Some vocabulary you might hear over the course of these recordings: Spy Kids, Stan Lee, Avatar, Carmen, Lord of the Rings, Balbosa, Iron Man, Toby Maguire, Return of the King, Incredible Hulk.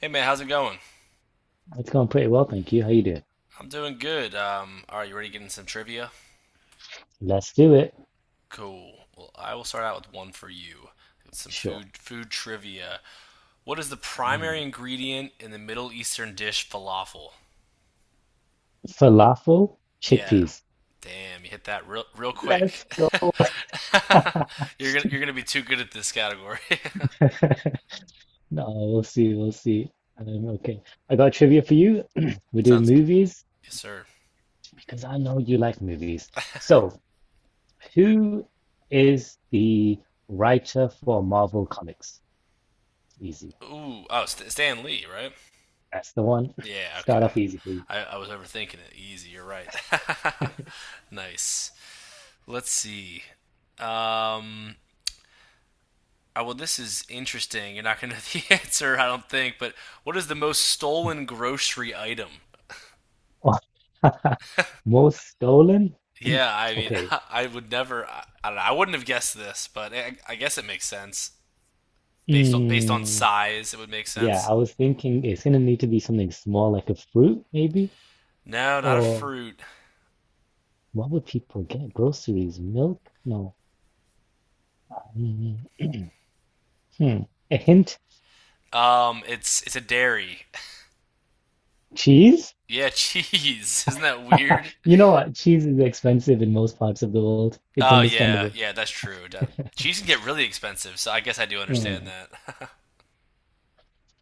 Hey man, how's it going? It's going pretty well, thank you. How you doing? I'm doing good. You ready to get in some trivia? Let's do it. Cool. Well, I will start out with one for you. It's some Sure. food trivia. What is the I'm primary gonna- ingredient in the Middle Eastern dish falafel? Falafel, Yeah. chickpeas. Damn, you hit that real Let's quick. go. You're gonna be too good at this category. No, we'll see. We'll see. Okay. I got trivia for you. We're doing Sounds movies yes, sir. because I know you like movies. So, who is the writer for Marvel Comics? Easy. Ooh, oh, Stan Lee, right? That's the one. Yeah, okay. Start off easy, please. I was overthinking it. Easy, you're right. nice. Let's see. Um, oh, well, this is interesting. You're not going to know the answer, I don't think. But what is the most stolen grocery item? Most stolen? Yeah, I mean, Okay. I would never. I don't know, I wouldn't have guessed this, but I guess it makes sense based on Hmm. size. It would make Yeah, sense. I was thinking it's gonna need to be something small, like a fruit, maybe? No, not a Or fruit. what would people get? Groceries, milk? No. Mm, hmm. A hint? It's a dairy. Cheese? Yeah, cheese. Isn't that weird? You know what? Cheese is expensive in most parts of the world. It's Oh yeah, understandable. yeah, that's true. Cheese can get really expensive, so I guess I do understand Mm. that.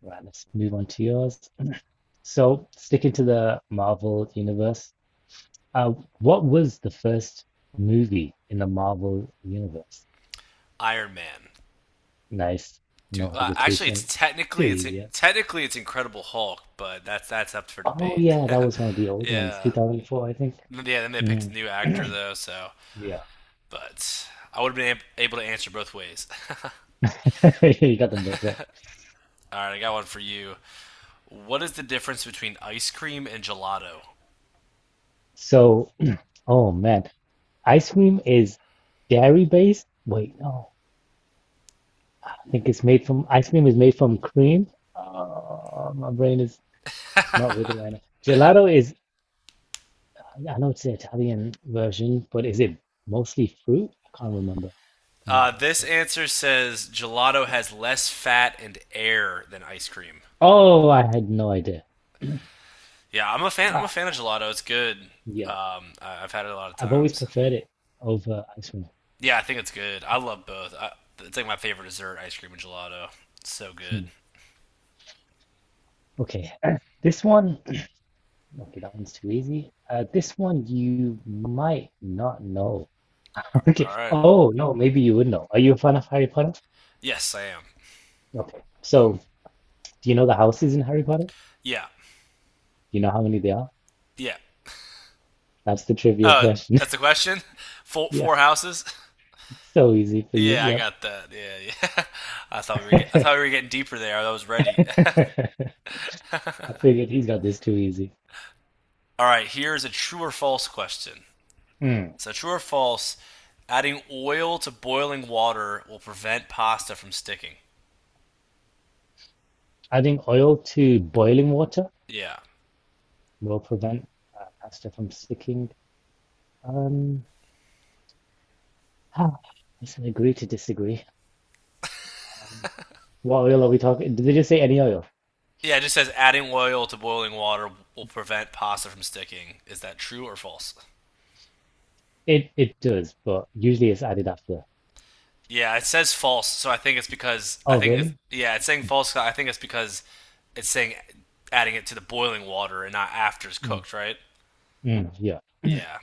Right, let's move on to yours. So, sticking to the Marvel universe, uh, what was the first movie in the Marvel universe? Iron Man. Nice, no Actually, it's hesitation. Too technically it's easy, yeah. technically it's Incredible Hulk, but that's up for Oh debate. yeah, that was one of the old ones, yeah, 2004, I think. yeah. Then they picked Mm. a new actor though, so Yeah, but I would have been able to answer both ways. All you got them both right. right, I got one for you. What is the difference between ice cream and gelato? So, oh man, ice cream is dairy based. Wait, no, I think it's made from ice cream is made from cream. My brain is not with it right now. Gelato is, I know it's the Italian version, but is it mostly fruit? I can't remember. No, that's This so good. answer says gelato has less fat and air than ice cream. Oh, I had no idea. Yeah, I'm a fan. I'm a Ah, fan of gelato. It's good. yeah, Um, I've had it a lot of I've always times. preferred it over ice cream. Yeah, I think it's good. I love both. It's like my favorite dessert, ice cream and gelato. It's so Hmm. good. Okay, this one, okay, that one's too easy. This one you might not know. All Okay, right. oh no, maybe you would know. Are you a fan of Harry Potter? Yes, I am. Okay, so do you know the houses in Harry Potter? Do Yeah. you know how many they are? Yeah. That's the trivia Uh, question. that's the question. Yeah, Four houses. it's so easy for you. Yeah, I Yep. got that. Yeah, yeah. I thought we were getting deeper there. I was ready. I figured he's got this too easy. All right, here's a true or false question. Mm. So true or false, adding oil to boiling water will prevent pasta from sticking. Adding oil to boiling water Yeah. will prevent pasta from sticking. Um, ah, I said agree to disagree. Um, What oil are we talking? Did they just say any oil? Yeah, it just says adding oil to boiling water will prevent pasta from sticking. Is that true or false? It does, but usually it's added after. Yeah, it says false, I Oh, think it's, really? yeah, it's saying false. So I think it's because it's saying adding it to the boiling water and not after it's Mm, cooked, right? mm, yeah. Yeah,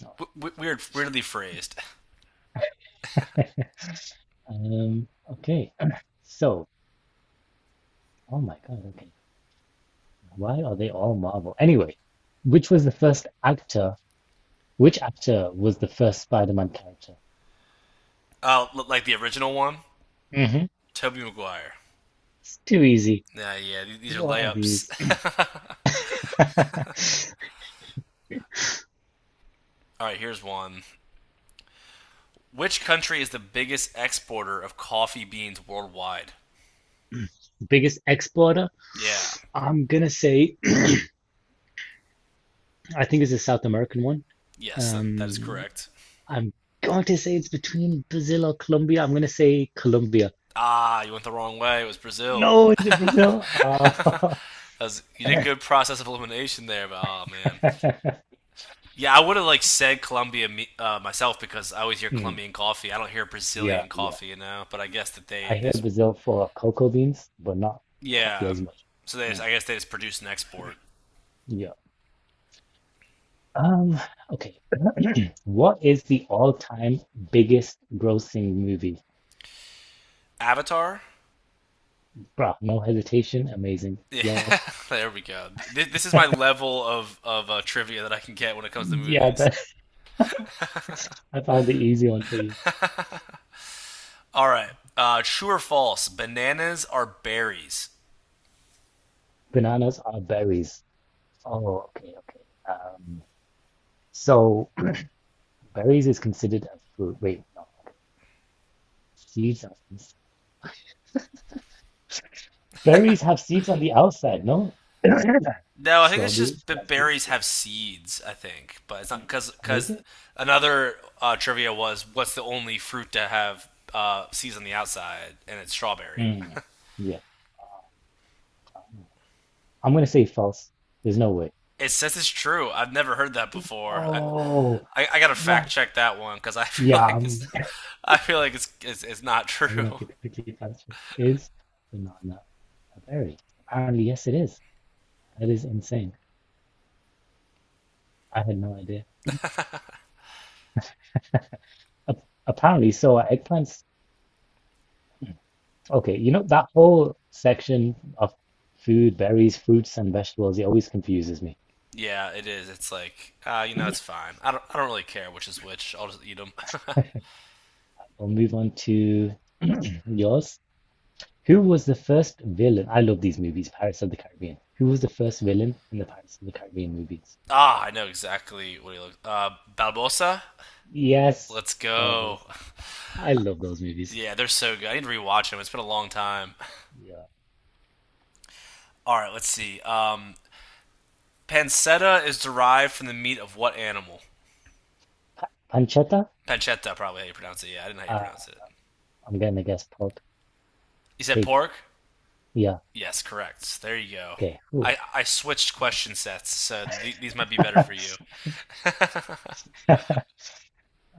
No. Weirdly phrased. Okay. So, oh my God, okay. Why are they all Marvel? Anyway, which was the first actor? Which actor was the first Spider-Man character? Like the original one, Hmm. Toby Maguire. It's too easy. Yeah, yeah, these are What are layups. these? All right, here's one. Which country is the biggest exporter of coffee beans worldwide? Biggest exporter? Yeah, I'm gonna say, I think it's a South American one. yes, that is Um, correct. I'm going to say it's between Brazil or Colombia. I'm going to say Colombia. Ah, you went the wrong way. It was Brazil. No, is it Brazil? That Ah. was, you did good process of elimination there, but oh man. Yeah, I would have like said Colombia myself because I always hear Hmm, Colombian coffee. I don't hear yeah, Brazilian yeah. coffee, you know. But I guess that I they hear this Brazil for cocoa beans, but not coffee yeah. as much. So they just, Mm, I guess they just produce and export. yeah. Um, okay. What is the all-time biggest grossing movie? Avatar. Bruh, no hesitation. Amazing. Yeah, Yeah. there we go. This is my level of trivia that I can get when it comes to Yeah, movies. that, I found the easy one for you. All right. True or false? Bananas are berries. Bananas are berries. Oh, okay, okay. Um, so berries is considered a fruit. Wait, no. Seeds are ins- Berries have seeds on the outside, no? No, I think it's Strawberries, just the raspberries, berries wait. have seeds. I think, but it's not Yeah. because Oh, is because it? another trivia was what's the only fruit to have seeds on the outside, and it's strawberry. Mm. Yeah. Ah, I'm gonna say false. There's no way. It says it's true. I've never heard that before. Oh, I gotta fact what? check that one because I feel Yeah, like it's I'm, I feel like it's not I'm gonna have true. to quickly answer. Is banana a berry? Apparently, yes, it is. That is insane. I had no idea. Apparently, so are eggplants. Okay, you know, that whole section of food, berries, fruits, and vegetables, it always confuses me. Yeah, it is. It's like you know, it's fine. I don't really care which is which. I'll just eat them. We'll move on to yours. Who was the first villain? I love these movies, Pirates of the Caribbean. Who was the first villain in the Pirates of the Caribbean movies? ah, I know exactly what he looks. Balbosa. Yes, Let's go. Barbossa. I love those movies. Yeah, they're so good. I need to rewatch them. It's been a long time. Yeah. All right, let's see. Pancetta is derived from the meat of what animal? Pancetta? Pancetta, probably how you pronounce it. Yeah, I didn't know how you Uh, pronounce it. I'm gonna guess pork, You said pig. pork? Yeah, Yes, correct. There you go. okay. Ooh. I switched question sets, so these might be better for you.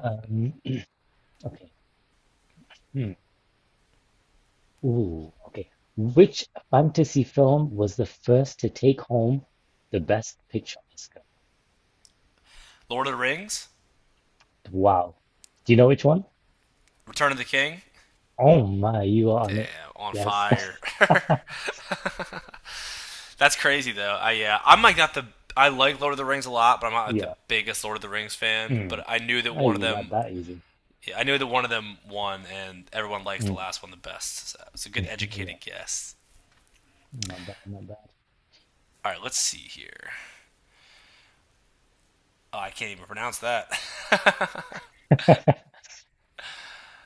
Um, okay. Hmm. Ooh, okay. Which fantasy film was the first to take home the Best Picture Oscar? Lord of the Rings? Wow. Do you know which one? Return of the King? Oh my, you are on it. Damn, on Yes. fire. That's crazy though. I yeah, I'm like not the I like Lord of the Rings a lot, but I'm not like the Yeah. biggest Lord of the Rings fan. But Mm. Oh, you got that easy. I knew that one of them won, and everyone likes the Mm. last one the best. So it's a good Yeah. educated guess. Not bad, not All right, let's see here. Oh, I can't even pronounce that. bad.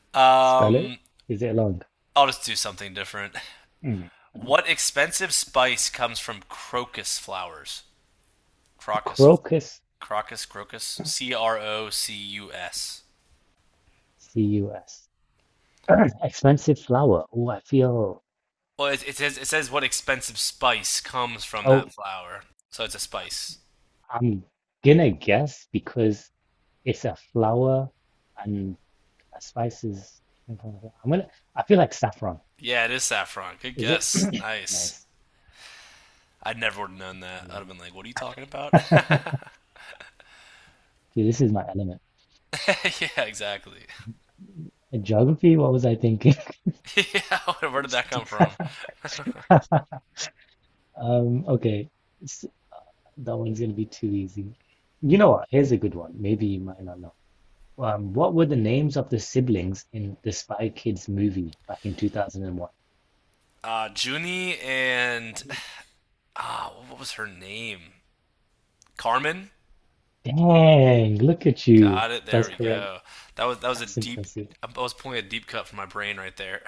Spell it. um, Is it long? I'll just do something different. Mm. What expensive spice comes from crocus flowers? Crocus, Crocus, Crocus. C R O C U S. C-U-S. Expensive flower. Oh, I feel. Well, it says what expensive spice comes from that Oh, flower, so it's a spice. I'm gonna guess because it's a flower, and a spice is I'm gonna. I feel like saffron. Yeah, it is saffron. Good Is it? guess. Nice. Nice. I never would have known that. I'd Yeah. have been like, "What are you talking about?" Dude, this is my element. yeah, exactly. In geography, what was I thinking? yeah, where did that come from? Okay. s- That one's gonna be too easy. You know what? Here's a good one. Maybe you might not know. What were the names of the siblings in the Spy Kids movie back in 2001? Junie and ah, what was her name? Carmen. Dang, look at you. Got it. There That's we correct. go. That was a That's deep. impressive. I was pulling a deep cut from my brain right there.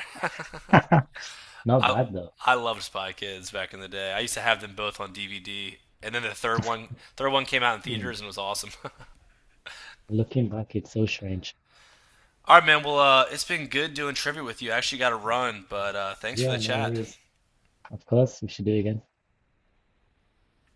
Not I bad though. I loved Spy Kids back in the day. I used to have them both on DVD. And then third one came out in Mm. theaters and was awesome. Looking back, it's so strange. All right, man. Well, it's been good doing trivia with you. I actually got to run, but thanks for the Yeah, no chat. worries. Of course, we should do it again.